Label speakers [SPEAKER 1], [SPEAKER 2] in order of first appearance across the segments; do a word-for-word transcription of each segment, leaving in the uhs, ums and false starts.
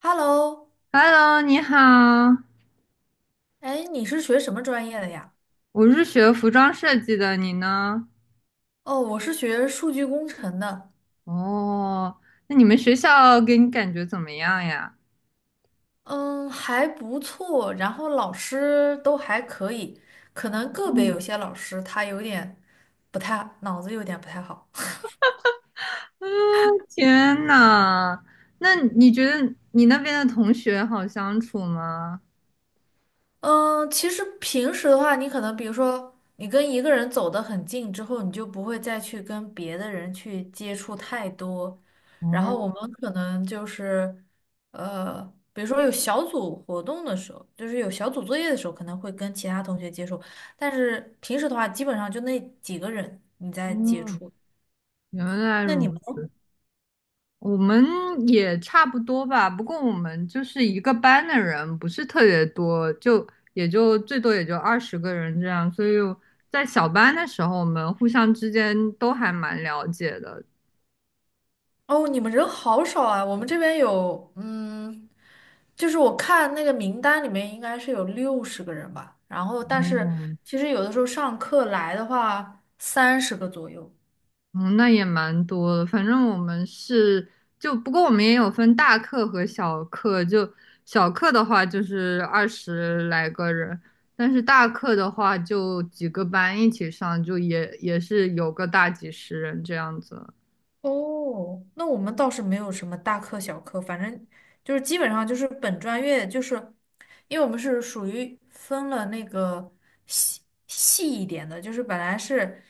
[SPEAKER 1] Hello，
[SPEAKER 2] Hello，你好，
[SPEAKER 1] 哎，你是学什么专业的呀？
[SPEAKER 2] 我是学服装设计的，你呢？
[SPEAKER 1] 哦，我是学数据工程的，
[SPEAKER 2] 哦，那你们学校给你感觉怎么样呀？
[SPEAKER 1] 嗯，还不错，然后老师都还可以，可能个别有些老师他有点不太，脑子有点不太好。
[SPEAKER 2] 嗯，天呐，那你觉得你那边的同学好相处吗？
[SPEAKER 1] 嗯，其实平时的话，你可能比如说，你跟一个人走得很近之后，你就不会再去跟别的人去接触太多。然后我
[SPEAKER 2] 哦，
[SPEAKER 1] 们可能就是，呃，比如说有小组活动的时候，就是有小组作业的时候，可能会跟其他同学接触。但是平时的话，基本上就那几个人你在接
[SPEAKER 2] 哦，
[SPEAKER 1] 触。
[SPEAKER 2] 原来
[SPEAKER 1] 那你们
[SPEAKER 2] 如
[SPEAKER 1] 呢？
[SPEAKER 2] 我们也差不多吧，不过我们就是一个班的人，不是特别多，就也就最多也就二十个人这样，所以在小班的时候，我们互相之间都还蛮了解的。
[SPEAKER 1] 哦，你们人好少啊！我们这边有，嗯，就是我看那个名单里面应该是有六十个人吧，然后但是
[SPEAKER 2] 哦，
[SPEAKER 1] 其实有的时候上课来的话，三十个左右。
[SPEAKER 2] 嗯，那也蛮多的。反正我们是就，不过我们也有分大课和小课。就小课的话，就是二十来个人，但是大课的话，就几个班一起上，就也也是有个大几十人这样子。
[SPEAKER 1] 哦，那我们倒是没有什么大课小课，反正就是基本上就是本专业，就是因为我们是属于分了那个细细一点的，就是本来是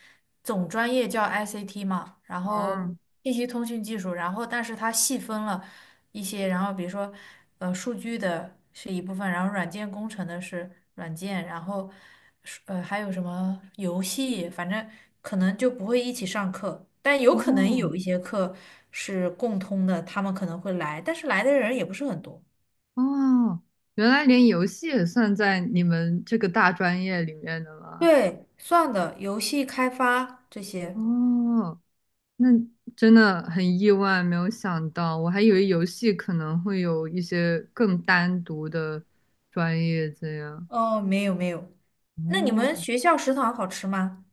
[SPEAKER 1] 总专业叫 I C T 嘛，然后
[SPEAKER 2] 哦
[SPEAKER 1] 信息通讯技术，然后但是它细分了，一些，然后比如说，呃，数据的是一部分，然后软件工程的是软件，然后是，呃，还有什么游戏，反正可能就不会一起上课，但有可能
[SPEAKER 2] 哦
[SPEAKER 1] 有一些课是共通的，他们可能会来，但是来的人也不是很多。
[SPEAKER 2] 哦，原来连游戏也算在你们这个大专业里面的吗？
[SPEAKER 1] 对，算的，游戏开发这些。
[SPEAKER 2] 哦，那真的很意外，没有想到，我还以为游戏可能会有一些更单独的专业这样。
[SPEAKER 1] 哦，没有没有。那你们
[SPEAKER 2] 哦，
[SPEAKER 1] 学校食堂好吃吗？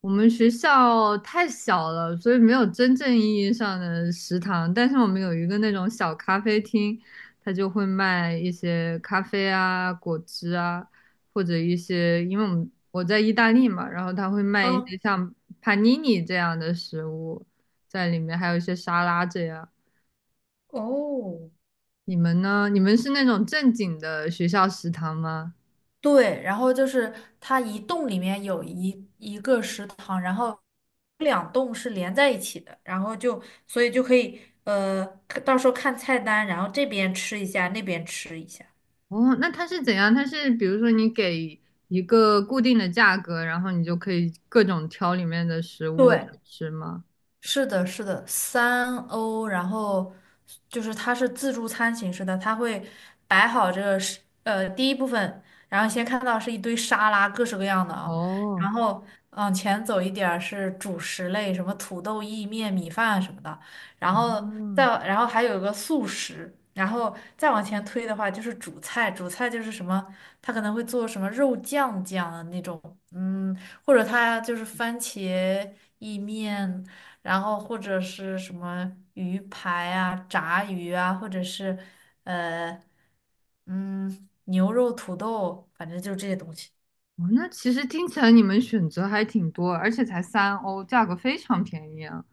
[SPEAKER 2] 我们学校太小了，所以没有真正意义上的食堂，但是我们有一个那种小咖啡厅，它就会卖一些咖啡啊、果汁啊，或者一些，因为我们我在意大利嘛，然后它会卖一
[SPEAKER 1] 啊，
[SPEAKER 2] 些像 panini 这样的食物在里面，还有一些沙拉这样。
[SPEAKER 1] 哦，
[SPEAKER 2] 你们呢？你们是那种正经的学校食堂吗？
[SPEAKER 1] 对，然后就是它一栋里面有一一个食堂，然后两栋是连在一起的，然后就所以就可以，呃，看到时候看菜单，然后这边吃一下，那边吃一下。
[SPEAKER 2] 哦，那它是怎样？它是比如说你给一个固定的价格，然后你就可以各种挑里面的食物来
[SPEAKER 1] 对，
[SPEAKER 2] 吃吗？
[SPEAKER 1] 是的，是的，三欧，然后就是它是自助餐形式的，它会摆好这个是呃第一部分，然后先看到是一堆沙拉，各式各样的啊，
[SPEAKER 2] 哦，
[SPEAKER 1] 然后往前走一点儿是主食类，什么土豆意面、米饭什么的，然后再
[SPEAKER 2] 哦，
[SPEAKER 1] 然后还有一个素食，然后再往前推的话就是主菜，主菜就是什么，它可能会做什么肉酱酱啊那种，嗯，或者它就是番茄意面。然后或者是什么鱼排啊、炸鱼啊，或者是呃嗯牛肉土豆，反正就是这些东西。
[SPEAKER 2] 哦，那其实听起来你们选择还挺多，而且才三欧，价格非常便宜啊。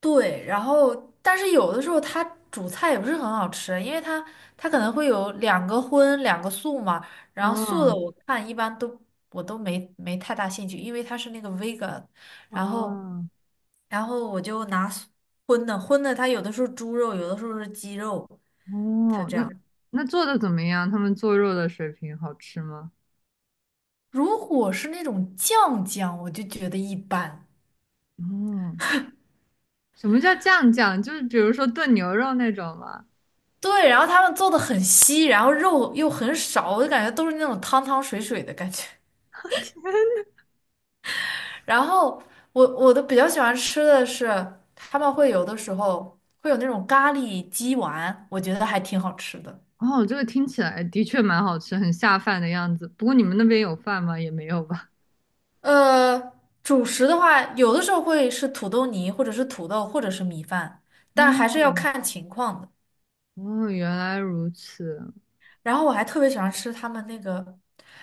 [SPEAKER 1] 对，然后但是有的时候它煮菜也不是很好吃，因为它它可能会有两个荤两个素嘛，然后素的
[SPEAKER 2] 嗯，
[SPEAKER 1] 我看一般都我都没没太大兴趣，因为它是那个 vegan，然后
[SPEAKER 2] 哦，
[SPEAKER 1] 然后我就拿素荤的荤的，它有的时候猪肉，有的时候是鸡肉，它
[SPEAKER 2] 哦，
[SPEAKER 1] 这
[SPEAKER 2] 那
[SPEAKER 1] 样。
[SPEAKER 2] 那做的怎么样？他们做肉的水平好吃吗？
[SPEAKER 1] 如果是那种酱酱，我就觉得一般。
[SPEAKER 2] 嗯，什么叫酱酱？就是比如说炖牛肉那种吗？
[SPEAKER 1] 对，然后他们做的很稀，然后肉又很少，我就感觉都是那种汤汤水水的感觉。
[SPEAKER 2] 天
[SPEAKER 1] 然后我我的比较喜欢吃的是，他们会有的时候会有那种咖喱鸡丸，我觉得还挺好吃的。
[SPEAKER 2] 哦，这个听起来的确蛮好吃，很下饭的样子。不过你们那边有饭吗？也没有吧？
[SPEAKER 1] 呃，主食的话，有的时候会是土豆泥，或者是土豆，或者是米饭，但还是要
[SPEAKER 2] 哦，
[SPEAKER 1] 看情况的。
[SPEAKER 2] 哦，原来如此。
[SPEAKER 1] 然后我还特别喜欢吃他们那个，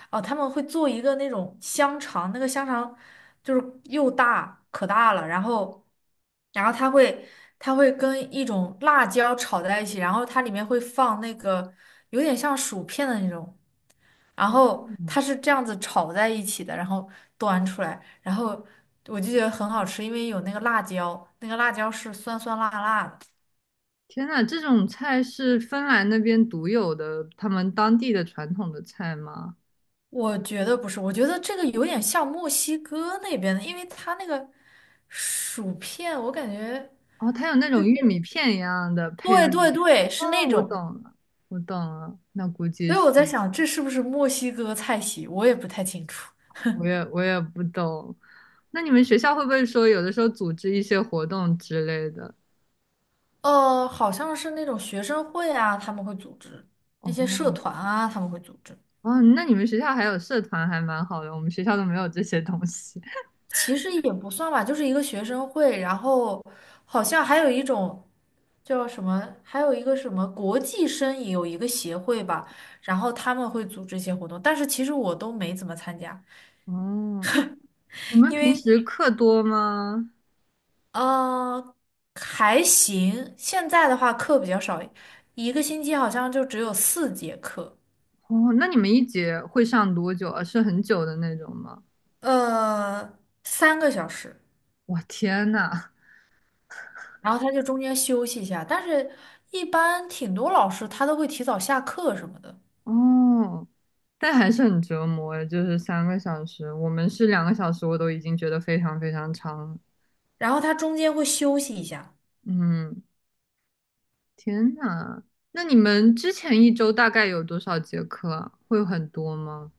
[SPEAKER 1] 哦，他们会做一个那种香肠，那个香肠就是又大可大了，然后，然后它会它会跟一种辣椒炒在一起，然后它里面会放那个有点像薯片的那种，然后
[SPEAKER 2] 嗯，
[SPEAKER 1] 它是这样子炒在一起的，然后端出来，然后我就觉得很好吃，因为有那个辣椒，那个辣椒是酸酸辣辣的。
[SPEAKER 2] 天呐，这种菜是芬兰那边独有的，他们当地的传统的菜吗？
[SPEAKER 1] 我觉得不是，我觉得这个有点像墨西哥那边的，因为它那个薯片，我感觉，
[SPEAKER 2] 哦，它有那种玉米片一样的配
[SPEAKER 1] 对
[SPEAKER 2] 在里面。
[SPEAKER 1] 对对，是
[SPEAKER 2] 哦，
[SPEAKER 1] 那
[SPEAKER 2] 我懂
[SPEAKER 1] 种，
[SPEAKER 2] 了，我懂了。那估计
[SPEAKER 1] 所以
[SPEAKER 2] 是，
[SPEAKER 1] 我在想，这是不是墨西哥菜系，我也不太清楚。
[SPEAKER 2] 我也我也不懂。那你们学校会不会说有的时候组织一些活动之类的？
[SPEAKER 1] 呃，好像是那种学生会啊，他们会组织一些社
[SPEAKER 2] 哦，
[SPEAKER 1] 团啊，他们会组织。
[SPEAKER 2] 哦，那你们学校还有社团，还蛮好的。我们学校都没有这些东西。
[SPEAKER 1] 其实也不算吧，就是一个学生会，然后好像还有一种叫什么，还有一个什么国际生也有一个协会吧，然后他们会组织一些活动，但是其实我都没怎么参加，
[SPEAKER 2] 哦，你们
[SPEAKER 1] 因
[SPEAKER 2] 平
[SPEAKER 1] 为
[SPEAKER 2] 时课多吗？
[SPEAKER 1] 呃还行，现在的话课比较少，一个星期好像就只有四节课，
[SPEAKER 2] 哦，那你们一节会上多久啊？是很久的那种吗？
[SPEAKER 1] 呃三个小时，
[SPEAKER 2] 我天呐！
[SPEAKER 1] 然后他就中间休息一下，但是一般挺多老师他都会提早下课什么的。
[SPEAKER 2] 哦，但还是很折磨诶，就是三个小时，我们是两个小时，我都已经觉得非常非常长了
[SPEAKER 1] 然后它中间会休息一下。
[SPEAKER 2] 嗯，天呐，那你们之前一周大概有多少节课啊会有很多吗？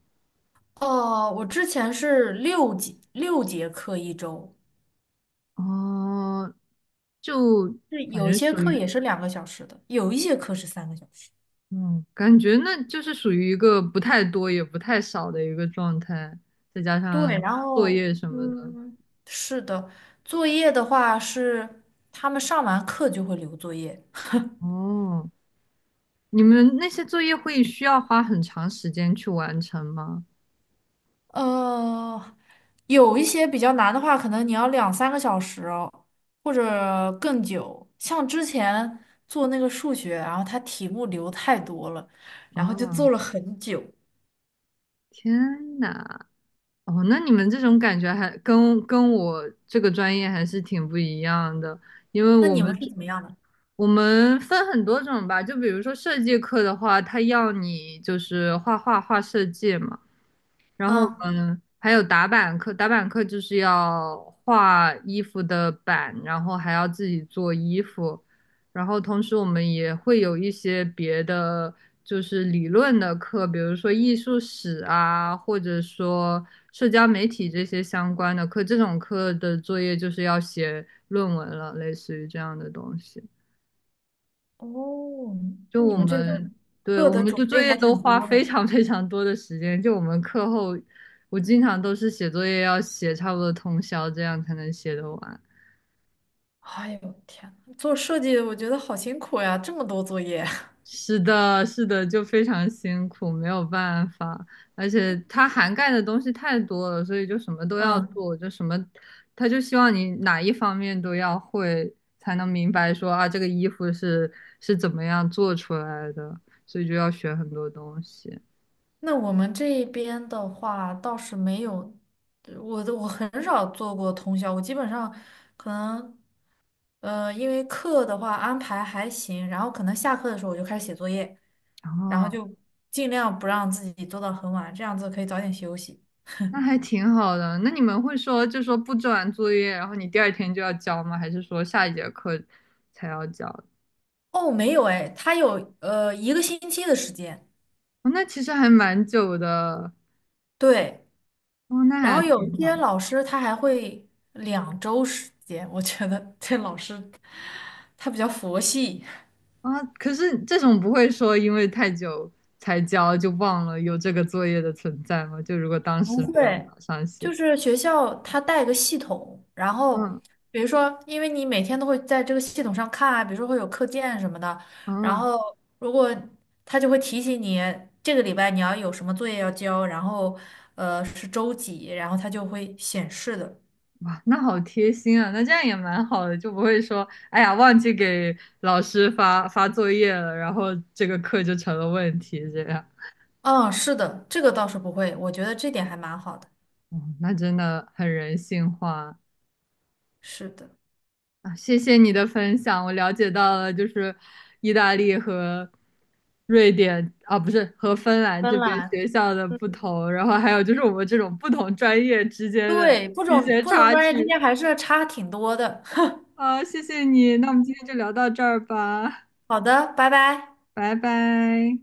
[SPEAKER 1] 哦，我之前是六节六节课一周，
[SPEAKER 2] 哦，就
[SPEAKER 1] 是
[SPEAKER 2] 感
[SPEAKER 1] 有
[SPEAKER 2] 觉
[SPEAKER 1] 些
[SPEAKER 2] 属
[SPEAKER 1] 课
[SPEAKER 2] 于。
[SPEAKER 1] 也是两个小时的，有一些课是三个小时。
[SPEAKER 2] 嗯，感觉那就是属于一个不太多也不太少的一个状态，再加
[SPEAKER 1] 对，
[SPEAKER 2] 上
[SPEAKER 1] 然
[SPEAKER 2] 作
[SPEAKER 1] 后
[SPEAKER 2] 业什么的。
[SPEAKER 1] 嗯，是的，作业的话是他们上完课就会留作业。
[SPEAKER 2] 哦，你们那些作业会需要花很长时间去完成吗？
[SPEAKER 1] 呃，有一些比较难的话，可能你要两三个小时哦，或者更久。像之前做那个数学，然后它题目留太多了，然后就做
[SPEAKER 2] 哦，
[SPEAKER 1] 了很久。
[SPEAKER 2] 天呐，哦，那你们这种感觉还跟跟我这个专业还是挺不一样的，因为
[SPEAKER 1] 那
[SPEAKER 2] 我
[SPEAKER 1] 你
[SPEAKER 2] 们
[SPEAKER 1] 们是怎么样的？
[SPEAKER 2] 我们分很多种吧，就比如说设计课的话，它要你就是画画画设计嘛。然后我
[SPEAKER 1] 啊，
[SPEAKER 2] 们还有打板课，打板课就是要画衣服的板，然后还要自己做衣服，然后同时我们也会有一些别的就是理论的课，比如说艺术史啊，或者说社交媒体这些相关的课，这种课的作业就是要写论文了，类似于这样的东西。
[SPEAKER 1] 哦，
[SPEAKER 2] 就
[SPEAKER 1] 那你
[SPEAKER 2] 我
[SPEAKER 1] 们这个
[SPEAKER 2] 们，对，
[SPEAKER 1] 课
[SPEAKER 2] 我
[SPEAKER 1] 的
[SPEAKER 2] 们
[SPEAKER 1] 种
[SPEAKER 2] 的作
[SPEAKER 1] 类
[SPEAKER 2] 业
[SPEAKER 1] 还
[SPEAKER 2] 都
[SPEAKER 1] 挺
[SPEAKER 2] 花
[SPEAKER 1] 多
[SPEAKER 2] 非
[SPEAKER 1] 的。
[SPEAKER 2] 常非常多的时间。就我们课后，我经常都是写作业要写差不多通宵，这样才能写得完。
[SPEAKER 1] 哎呦天呐，做设计我觉得好辛苦呀，这么多作业。
[SPEAKER 2] 是的，是的，就非常辛苦，没有办法。而且它涵盖的东西太多了，所以就什么都要
[SPEAKER 1] 嗯，
[SPEAKER 2] 做，就什么，他就希望你哪一方面都要会，才能明白说啊，这个衣服是是怎么样做出来的，所以就要学很多东西。
[SPEAKER 1] 那我们这边的话倒是没有，我的我很少做过通宵，我基本上可能呃，因为课的话安排还行，然后可能下课的时候我就开始写作业，
[SPEAKER 2] 然
[SPEAKER 1] 然后
[SPEAKER 2] 后。
[SPEAKER 1] 就尽量不让自己做到很晚，这样子可以早点休息。
[SPEAKER 2] 那还挺好的。那你们会说，就说布置完作业，然后你第二天就要交吗？还是说下一节课才要交？
[SPEAKER 1] 哦，没有哎，他有呃一个星期的时间，
[SPEAKER 2] 哦，那其实还蛮久的。
[SPEAKER 1] 对，
[SPEAKER 2] 哦，那
[SPEAKER 1] 然
[SPEAKER 2] 还
[SPEAKER 1] 后有
[SPEAKER 2] 挺
[SPEAKER 1] 一些
[SPEAKER 2] 好
[SPEAKER 1] 老师他还会两周时间，我觉得这老师他比较佛系，
[SPEAKER 2] 啊。可是这种不会说因为太久才交就忘了有这个作业的存在吗？就如果当时
[SPEAKER 1] 不
[SPEAKER 2] 没有
[SPEAKER 1] 会，
[SPEAKER 2] 马上写，
[SPEAKER 1] 就是学校他带个系统，然后
[SPEAKER 2] 嗯
[SPEAKER 1] 比如说，因为你每天都会在这个系统上看啊，比如说会有课件什么的，然
[SPEAKER 2] 嗯，
[SPEAKER 1] 后如果他就会提醒你这个礼拜你要有什么作业要交，然后呃是周几，然后他就会显示的。
[SPEAKER 2] 哇，那好贴心啊。那这样也蛮好的，就不会说，哎呀，忘记给老师发发作业了，然后这个课就成了问题这样。
[SPEAKER 1] 嗯，是的，这个倒是不会，我觉得这点还蛮好的。
[SPEAKER 2] 哦，那真的很人性化
[SPEAKER 1] 是的，
[SPEAKER 2] 啊！谢谢你的分享，我了解到了，就是意大利和瑞典啊，不是和芬兰
[SPEAKER 1] 芬
[SPEAKER 2] 这边
[SPEAKER 1] 兰，
[SPEAKER 2] 学校的不同，然后还有就是我们这种不同专业之间的
[SPEAKER 1] 对，不
[SPEAKER 2] 一
[SPEAKER 1] 同
[SPEAKER 2] 些
[SPEAKER 1] 不同
[SPEAKER 2] 差
[SPEAKER 1] 专业之
[SPEAKER 2] 距
[SPEAKER 1] 间还是差挺多的。
[SPEAKER 2] 啊！谢谢你，那我们今天就聊到这儿吧，
[SPEAKER 1] 好的，拜拜。
[SPEAKER 2] 拜拜。